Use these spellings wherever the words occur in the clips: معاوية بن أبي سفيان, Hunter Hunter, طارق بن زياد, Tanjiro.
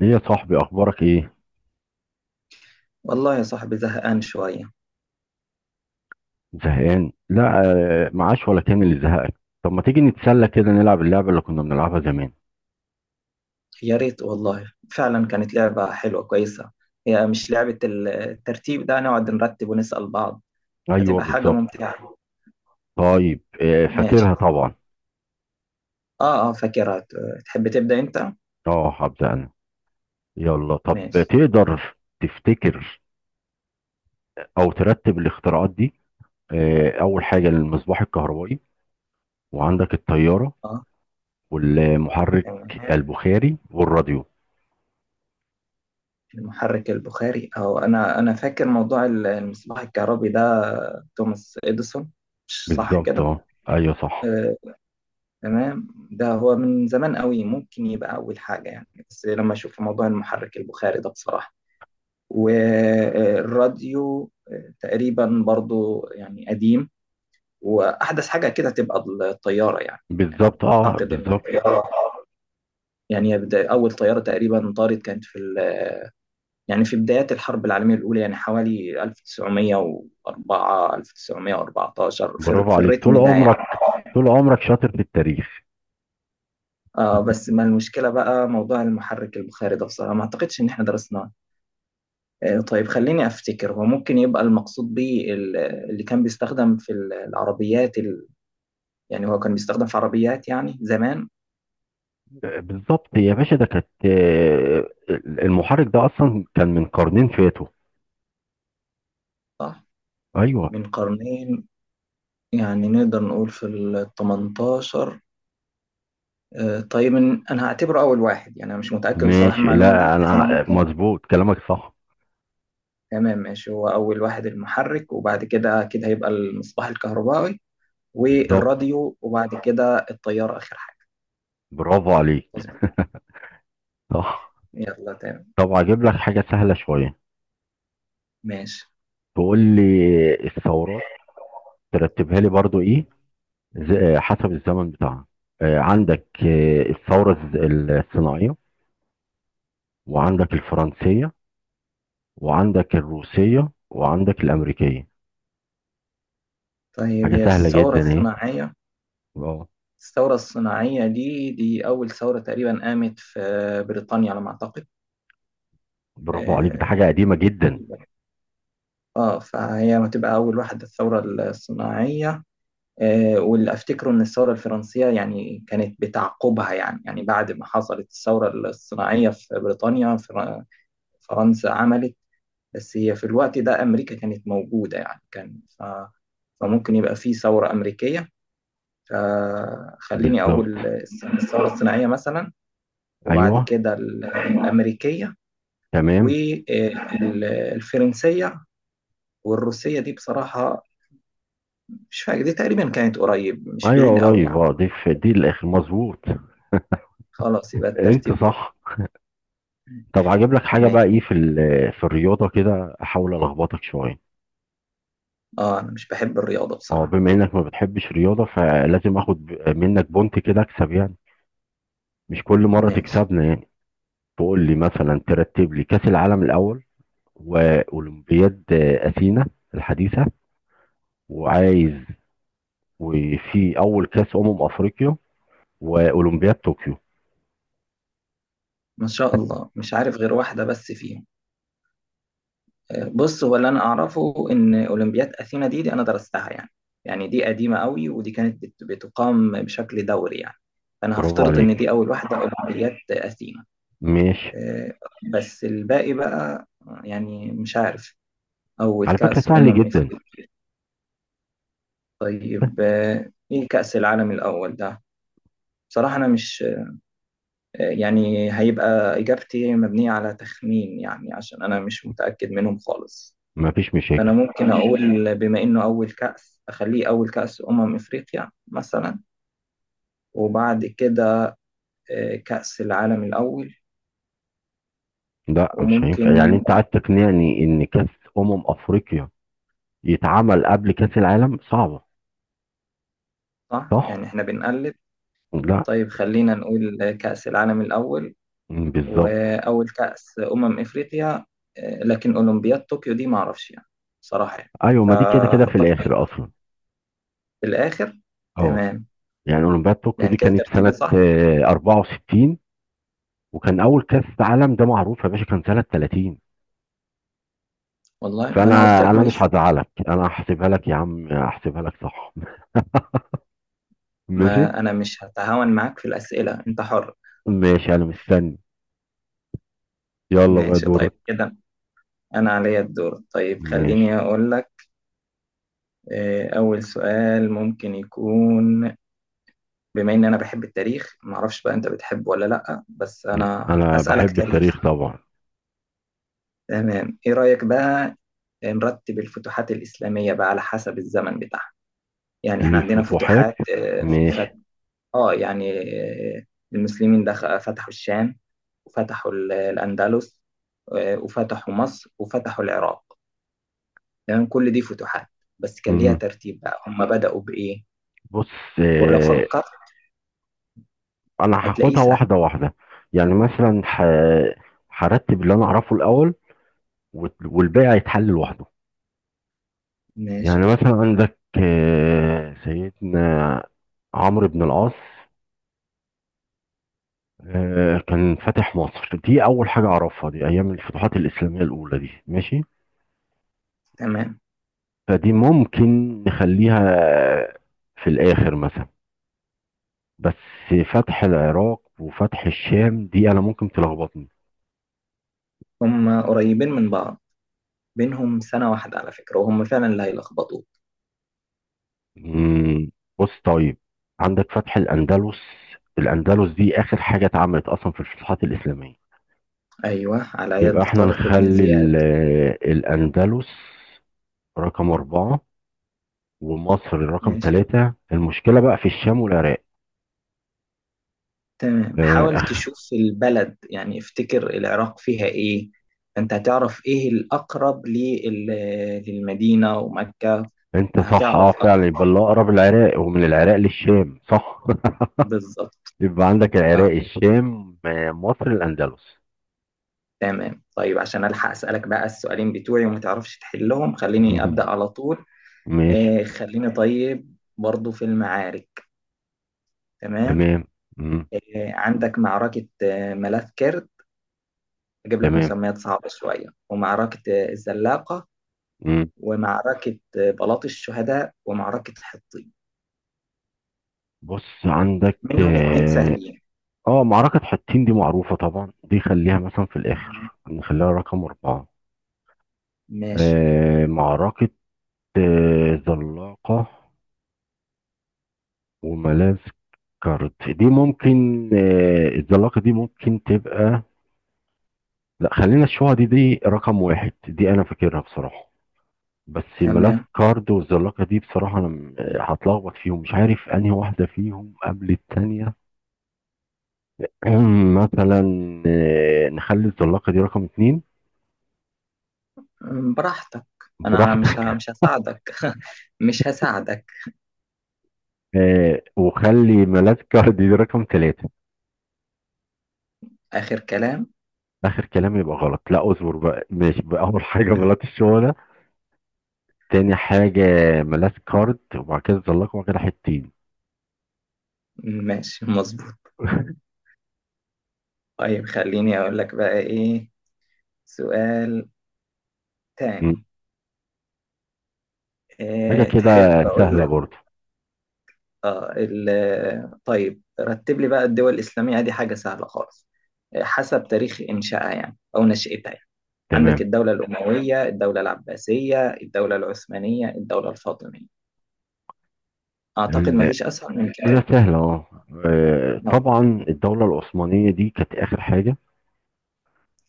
ليه يا صاحبي اخبارك ايه؟ والله يا صاحبي، زهقان شوية. زهقان؟ لا. معاش ولا كان اللي زهقك؟ طب ما تيجي نتسلى كده نلعب اللعبه اللي كنا بنلعبها زمان؟ يا ريت والله، فعلا كانت لعبة حلوة كويسة. هي مش لعبة الترتيب ده، نقعد نرتب ونسأل بعض. ايوه هتبقى حاجة بالظبط. ممتعة. طيب ماشي. فاكرها طبعا. اه اه، فاكرها. تحب تبدأ انت؟ اه هبدا انا. يلا طب ماشي. تقدر تفتكر او ترتب الاختراعات دي؟ اول حاجه المصباح الكهربائي، وعندك الطياره، اه. والمحرك تمام. البخاري، والراديو. المحرك البخاري اهو. انا فاكر موضوع المصباح الكهربي ده، توماس اديسون. مش صح بالظبط كده؟ اه، ايوه صح. آه، تمام، ده هو من زمان قوي، ممكن يبقى اول حاجة يعني. بس لما اشوف موضوع المحرك البخاري ده بصراحة والراديو، تقريبا برضو يعني قديم. واحدث حاجه كده تبقى الطياره يعني. يعني بالظبط اه اعتقد ان بالظبط. الطياره، يعني اول طياره تقريبا طارت كانت في يعني في بدايات الحرب العالميه الاولى، يعني حوالي 1904 1914، برافو في عليك، طول الريتم ده يعني. عمرك، طول عمرك شاطر في التاريخ. آه، بس ما المشكله بقى، موضوع المحرك البخاري ده بصراحه ما اعتقدش ان احنا درسناه. آه، طيب خليني افتكر، هو ممكن يبقى المقصود بيه اللي كان بيستخدم في العربيات، يعني هو كان بيستخدم في عربيات يعني زمان. بالظبط يا باشا، ده كانت المحرك ده اصلا كان من قرنين فاتوا. صح، ايوه. من قرنين. يعني نقدر نقول في ال 18. آه، طيب، انا هعتبره اول واحد يعني، انا مش متاكد بصراحه من ماشي، المعلومه دي، لا بس انا انا ممكن. مظبوط، كلامك صح. تمام ماشي، هو اول واحد المحرك، وبعد كده هيبقى المصباح الكهربائي بالظبط، والراديو، وبعد كده الطياره اخر حاجه. برافو عليك. مظبوط. صح. يلا تمام. طب اجيب لك حاجه سهله شويه، ماشي. تقول لي الثورات ترتبها لي برضو؟ ايه حسب الزمن بتاعها. عندك الثوره الصناعيه، وعندك الفرنسيه، وعندك الروسيه، وعندك الامريكيه. طيب، حاجه هي سهله الثوره جدا. الصناعيه. ايه. الثوره الصناعيه دي اول ثوره تقريبا، قامت في بريطانيا على ما اعتقد. برافو عليك، ده حاجة آه، قديمة جدا. اه، فهي هتبقى أول واحدة، الثورة الصناعية. آه، واللي أفتكره إن الثورة الفرنسية يعني كانت بتعقبها، يعني بعد ما حصلت الثورة الصناعية في بريطانيا، فرنسا عملت. بس هي في الوقت ده أمريكا كانت موجودة، يعني كان فممكن يبقى في ثورة أمريكية. فخليني بالظبط أقول الثورة الصناعية مثلا، وبعد ايوه كده الأمريكية تمام. والفرنسية، والروسية دي بصراحة مش فاكر، دي تقريبا كانت قريب، مش بعيد ايوه قوي قريب يعني. اه، دي في دي الاخر مظبوط. خلاص يبقى انت الترتيب كده. صح. طب هجيب لك حاجة بقى ماشي. ايه في في الرياضة كده، احاول الخبطك شوية. اه، انا مش بحب الرياضة اه بصراحة. بما انك ما بتحبش رياضة فلازم اخد منك بونت كده اكسب يعني، مش كل مرة ماشي. تكسبنا يعني. تقول لي مثلا، ترتب لي كأس العالم الاول، واولمبياد اثينا الحديثة، وعايز، وفي اول كأس افريقيا، واولمبياد طوكيو. ما شاء الله، مش عارف غير واحدة بس فيهم. آه، بص، هو اللي انا اعرفه ان اولمبياد اثينا دي انا درستها يعني، يعني دي قديمة قوي، ودي كانت بتقام بشكل دوري يعني، فانا برافو هفترض ان عليك. دي اول واحدة، اولمبياد اثينا. ماشي. آه، بس الباقي بقى، يعني مش عارف، اول على فكرة كأس سهل جدا. افريقيا. طيب، ايه كأس العالم الاول ده؟ بصراحة أنا مش، يعني هيبقى إجابتي مبنية على تخمين، يعني عشان أنا مش متأكد منهم خالص. مفيش مشاكل. فأنا ممكن أقول، بما إنه أول كأس، أخليه أول كأس أمم إفريقيا مثلا، وبعد كده كأس العالم الأول. لا مش هينفع، يعني وممكن. انت عايز تقنعني ان كاس افريقيا يتعمل قبل كاس العالم؟ صعبة. صح، صح. يعني إحنا بنقلب. لا. طيب خلينا نقول كأس العالم الأول، بالظبط. وأول كأس أمم إفريقيا. لكن أولمبياد طوكيو دي معرفش يعني، بصراحة يعني، ايوه ما دي كده كده في فحطها الاخر اصلا. في الآخر. اه تمام. يعني اولمبياد طوكيو يعني دي كده كانت ترتيبي سنة صح؟ 64، وكان اول كاس عالم ده معروف يا باشا كان سنة 30. والله، ما انا فانا قلت لك انا مش ماليش. هزعلك، انا هحسبها لك يا عم، هحسبها لك صح. ماشي. ما انا مش هتهاون معاك في الاسئله، انت حر. ماشي انا مستني. يلا بقى ماشي طيب دورك. كده، انا عليا الدور. طيب ماشي. خليني اقول لك. اول سؤال ممكن يكون، بما ان انا بحب التاريخ، ما اعرفش بقى انت بتحبه ولا لا، بس مم. انا انا هسالك بحب تاريخ. التاريخ طبعا. تمام، ايه رايك بقى نرتب الفتوحات الاسلاميه بقى على حسب الزمن بتاعها؟ يعني احنا عندنا الفتوحات. فتوحات في، ماشي. اه يعني آه، المسلمين دخل فتحوا الشام، وفتحوا الأندلس، وفتحوا مصر، وفتحوا العراق، يعني كل دي فتوحات، بس كان ليها مم. ترتيب بقى، هم بدأوا بإيه؟ بص، ولو آه، فكرت انا هتلاقيه هاخدها سهل. واحده واحده، يعني مثلا هرتب اللي انا اعرفه الاول، والباقي هيتحل لوحده. يعني ماشي مثلا عندك سيدنا عمرو بن العاص، كان فاتح مصر، دي اول حاجه اعرفها، دي ايام الفتوحات الاسلاميه الاولى دي، ماشي. تمام. فدي ممكن نخليها في الاخر مثلا، بس فتح العراق وفتح الشام دي انا ممكن تلخبطني. هم قريبين من بعض، بينهم سنة واحدة على فكرة، وهم فعلا اللي هيلخبطوك. مم، بص طيب، عندك فتح الاندلس، الاندلس دي اخر حاجه اتعملت اصلا في الفتوحات الاسلاميه، أيوه، على يبقى يد احنا طارق بن نخلي زياد. الاندلس رقم اربعه، ومصر رقم ماشي ثلاثه، المشكله بقى في الشام والعراق. تمام، حاول أخ. تشوف البلد، يعني افتكر العراق فيها ايه، انت هتعرف ايه الاقرب للمدينة ومكة، انت صح هتعرف اه فعلا، يبقى اكتر. اللي اقرب العراق، ومن العراق للشام، صح. بالظبط يبقى عندك اه. العراق، الشام، مصر، الاندلس. تمام، طيب عشان الحق اسالك بقى السؤالين بتوعي وما تعرفش تحلهم، خليني ابدا على طول. ماشي. خليني طيب برضو في المعارك. تمام. تمام. مم. عندك معركة ملاذ كرد، اجيب لك تمام. مسميات صعبة شوية، ومعركة الزلاقة، مم. ومعركة بلاط الشهداء، ومعركة حطين. بص عندك منهم اتنين اه، سهلين. معركة حطين دي معروفة طبعا، دي خليها مثلا في تمام. الآخر نخليها رقم أربعة. ماشي. آه معركة زلاقة وملاذ كارد دي ممكن، الزلاقة دي ممكن تبقى، لا خلينا الشوعة دي دي رقم واحد، دي أنا فاكرها بصراحة، بس ملاذ تمام. كارد والزلاقة دي بصراحة أنا هتلخبط فيهم، مش عارف أنهي واحدة فيهم قبل التانية. مثلا نخلي الزلاقة دي رقم اتنين، براحتك. انا براحتك. مش هساعدك. مش هساعدك. وخلي ملاذ كارد دي رقم تلاتة. اخر كلام. آخر كلام؟ يبقى غلط، لا اصبر بقى، ماشي بقى، أول حاجة ملاذ الشغلة، تاني حاجة ملاذ كارد، وبعد كده الزلاقة، وبعد كده حتتين. ماشي مظبوط. طيب خليني اقول لك بقى ايه سؤال تاني، مم. حاجة إيه كده تحب اقول سهلة لك؟ برضه. طيب رتب لي بقى الدول الاسلامية، دي حاجة سهلة خالص، إيه، حسب تاريخ انشائها يعني او نشأتها يعني. عندك تمام. الدولة الأموية، الدولة العباسية، الدولة العثمانية، الدولة الفاطمية. أعتقد ما ال- فيش أسهل من كده. لا سهلة اه، آه، طبعا الدولة العثمانية دي كانت آخر حاجة.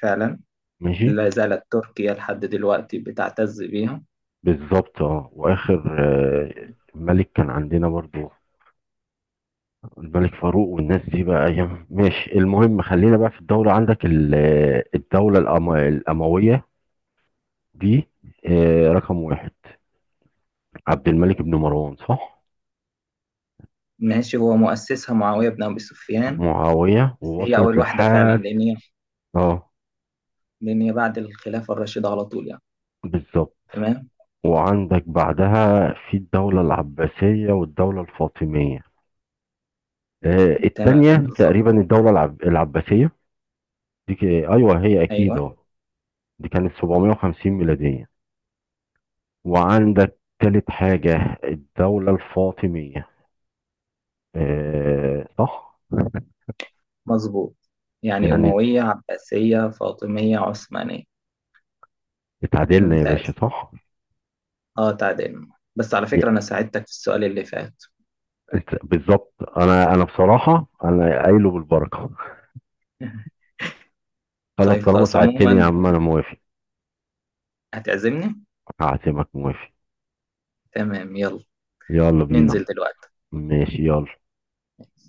فعلا. ماشي. لا زالت تركيا لحد دلوقتي بتعتز بيها. بالظبط اه، وآخر آه، ملك كان عندنا برضو الملك فاروق والناس دي بقى أيام، ماشي المهم خلينا بقى في الدولة، عندك الدولة الأموية دي رقم واحد، عبد الملك بن مروان صح. ماشي، هو مؤسسها معاوية بن أبي سفيان. معاوية بس هي أول ووصلت واحدة فعلا، لحد لأن هي اه. لأن هي بعد الخلافة الراشدة على طول يعني. بالظبط. تمام. وعندك بعدها في الدولة العباسية والدولة الفاطمية، تمام التانية مم بالظبط. تقريبا العباسية، دي أيوه هي أكيد أيوه. اه، دي كانت 750 ميلادية. وعندك تالت حاجة الدولة الفاطمية، آه صح. مظبوط. يعني يعني أموية، عباسية، فاطمية، عثمانية. اتعادلنا يا باشا ممتاز. صح؟ أه، تعادلنا. بس على ي- فكرة أنا ساعدتك في السؤال اللي فات. بالظبط انا انا بصراحة انا قايله بالبركة. خلاص طيب طالما خلاص، ساعدتني يا عموما عم انا موافق. هتعزمني. هعزمك موافق. تمام يلا، يلا بينا. ننزل دلوقتي. ماشي يلا.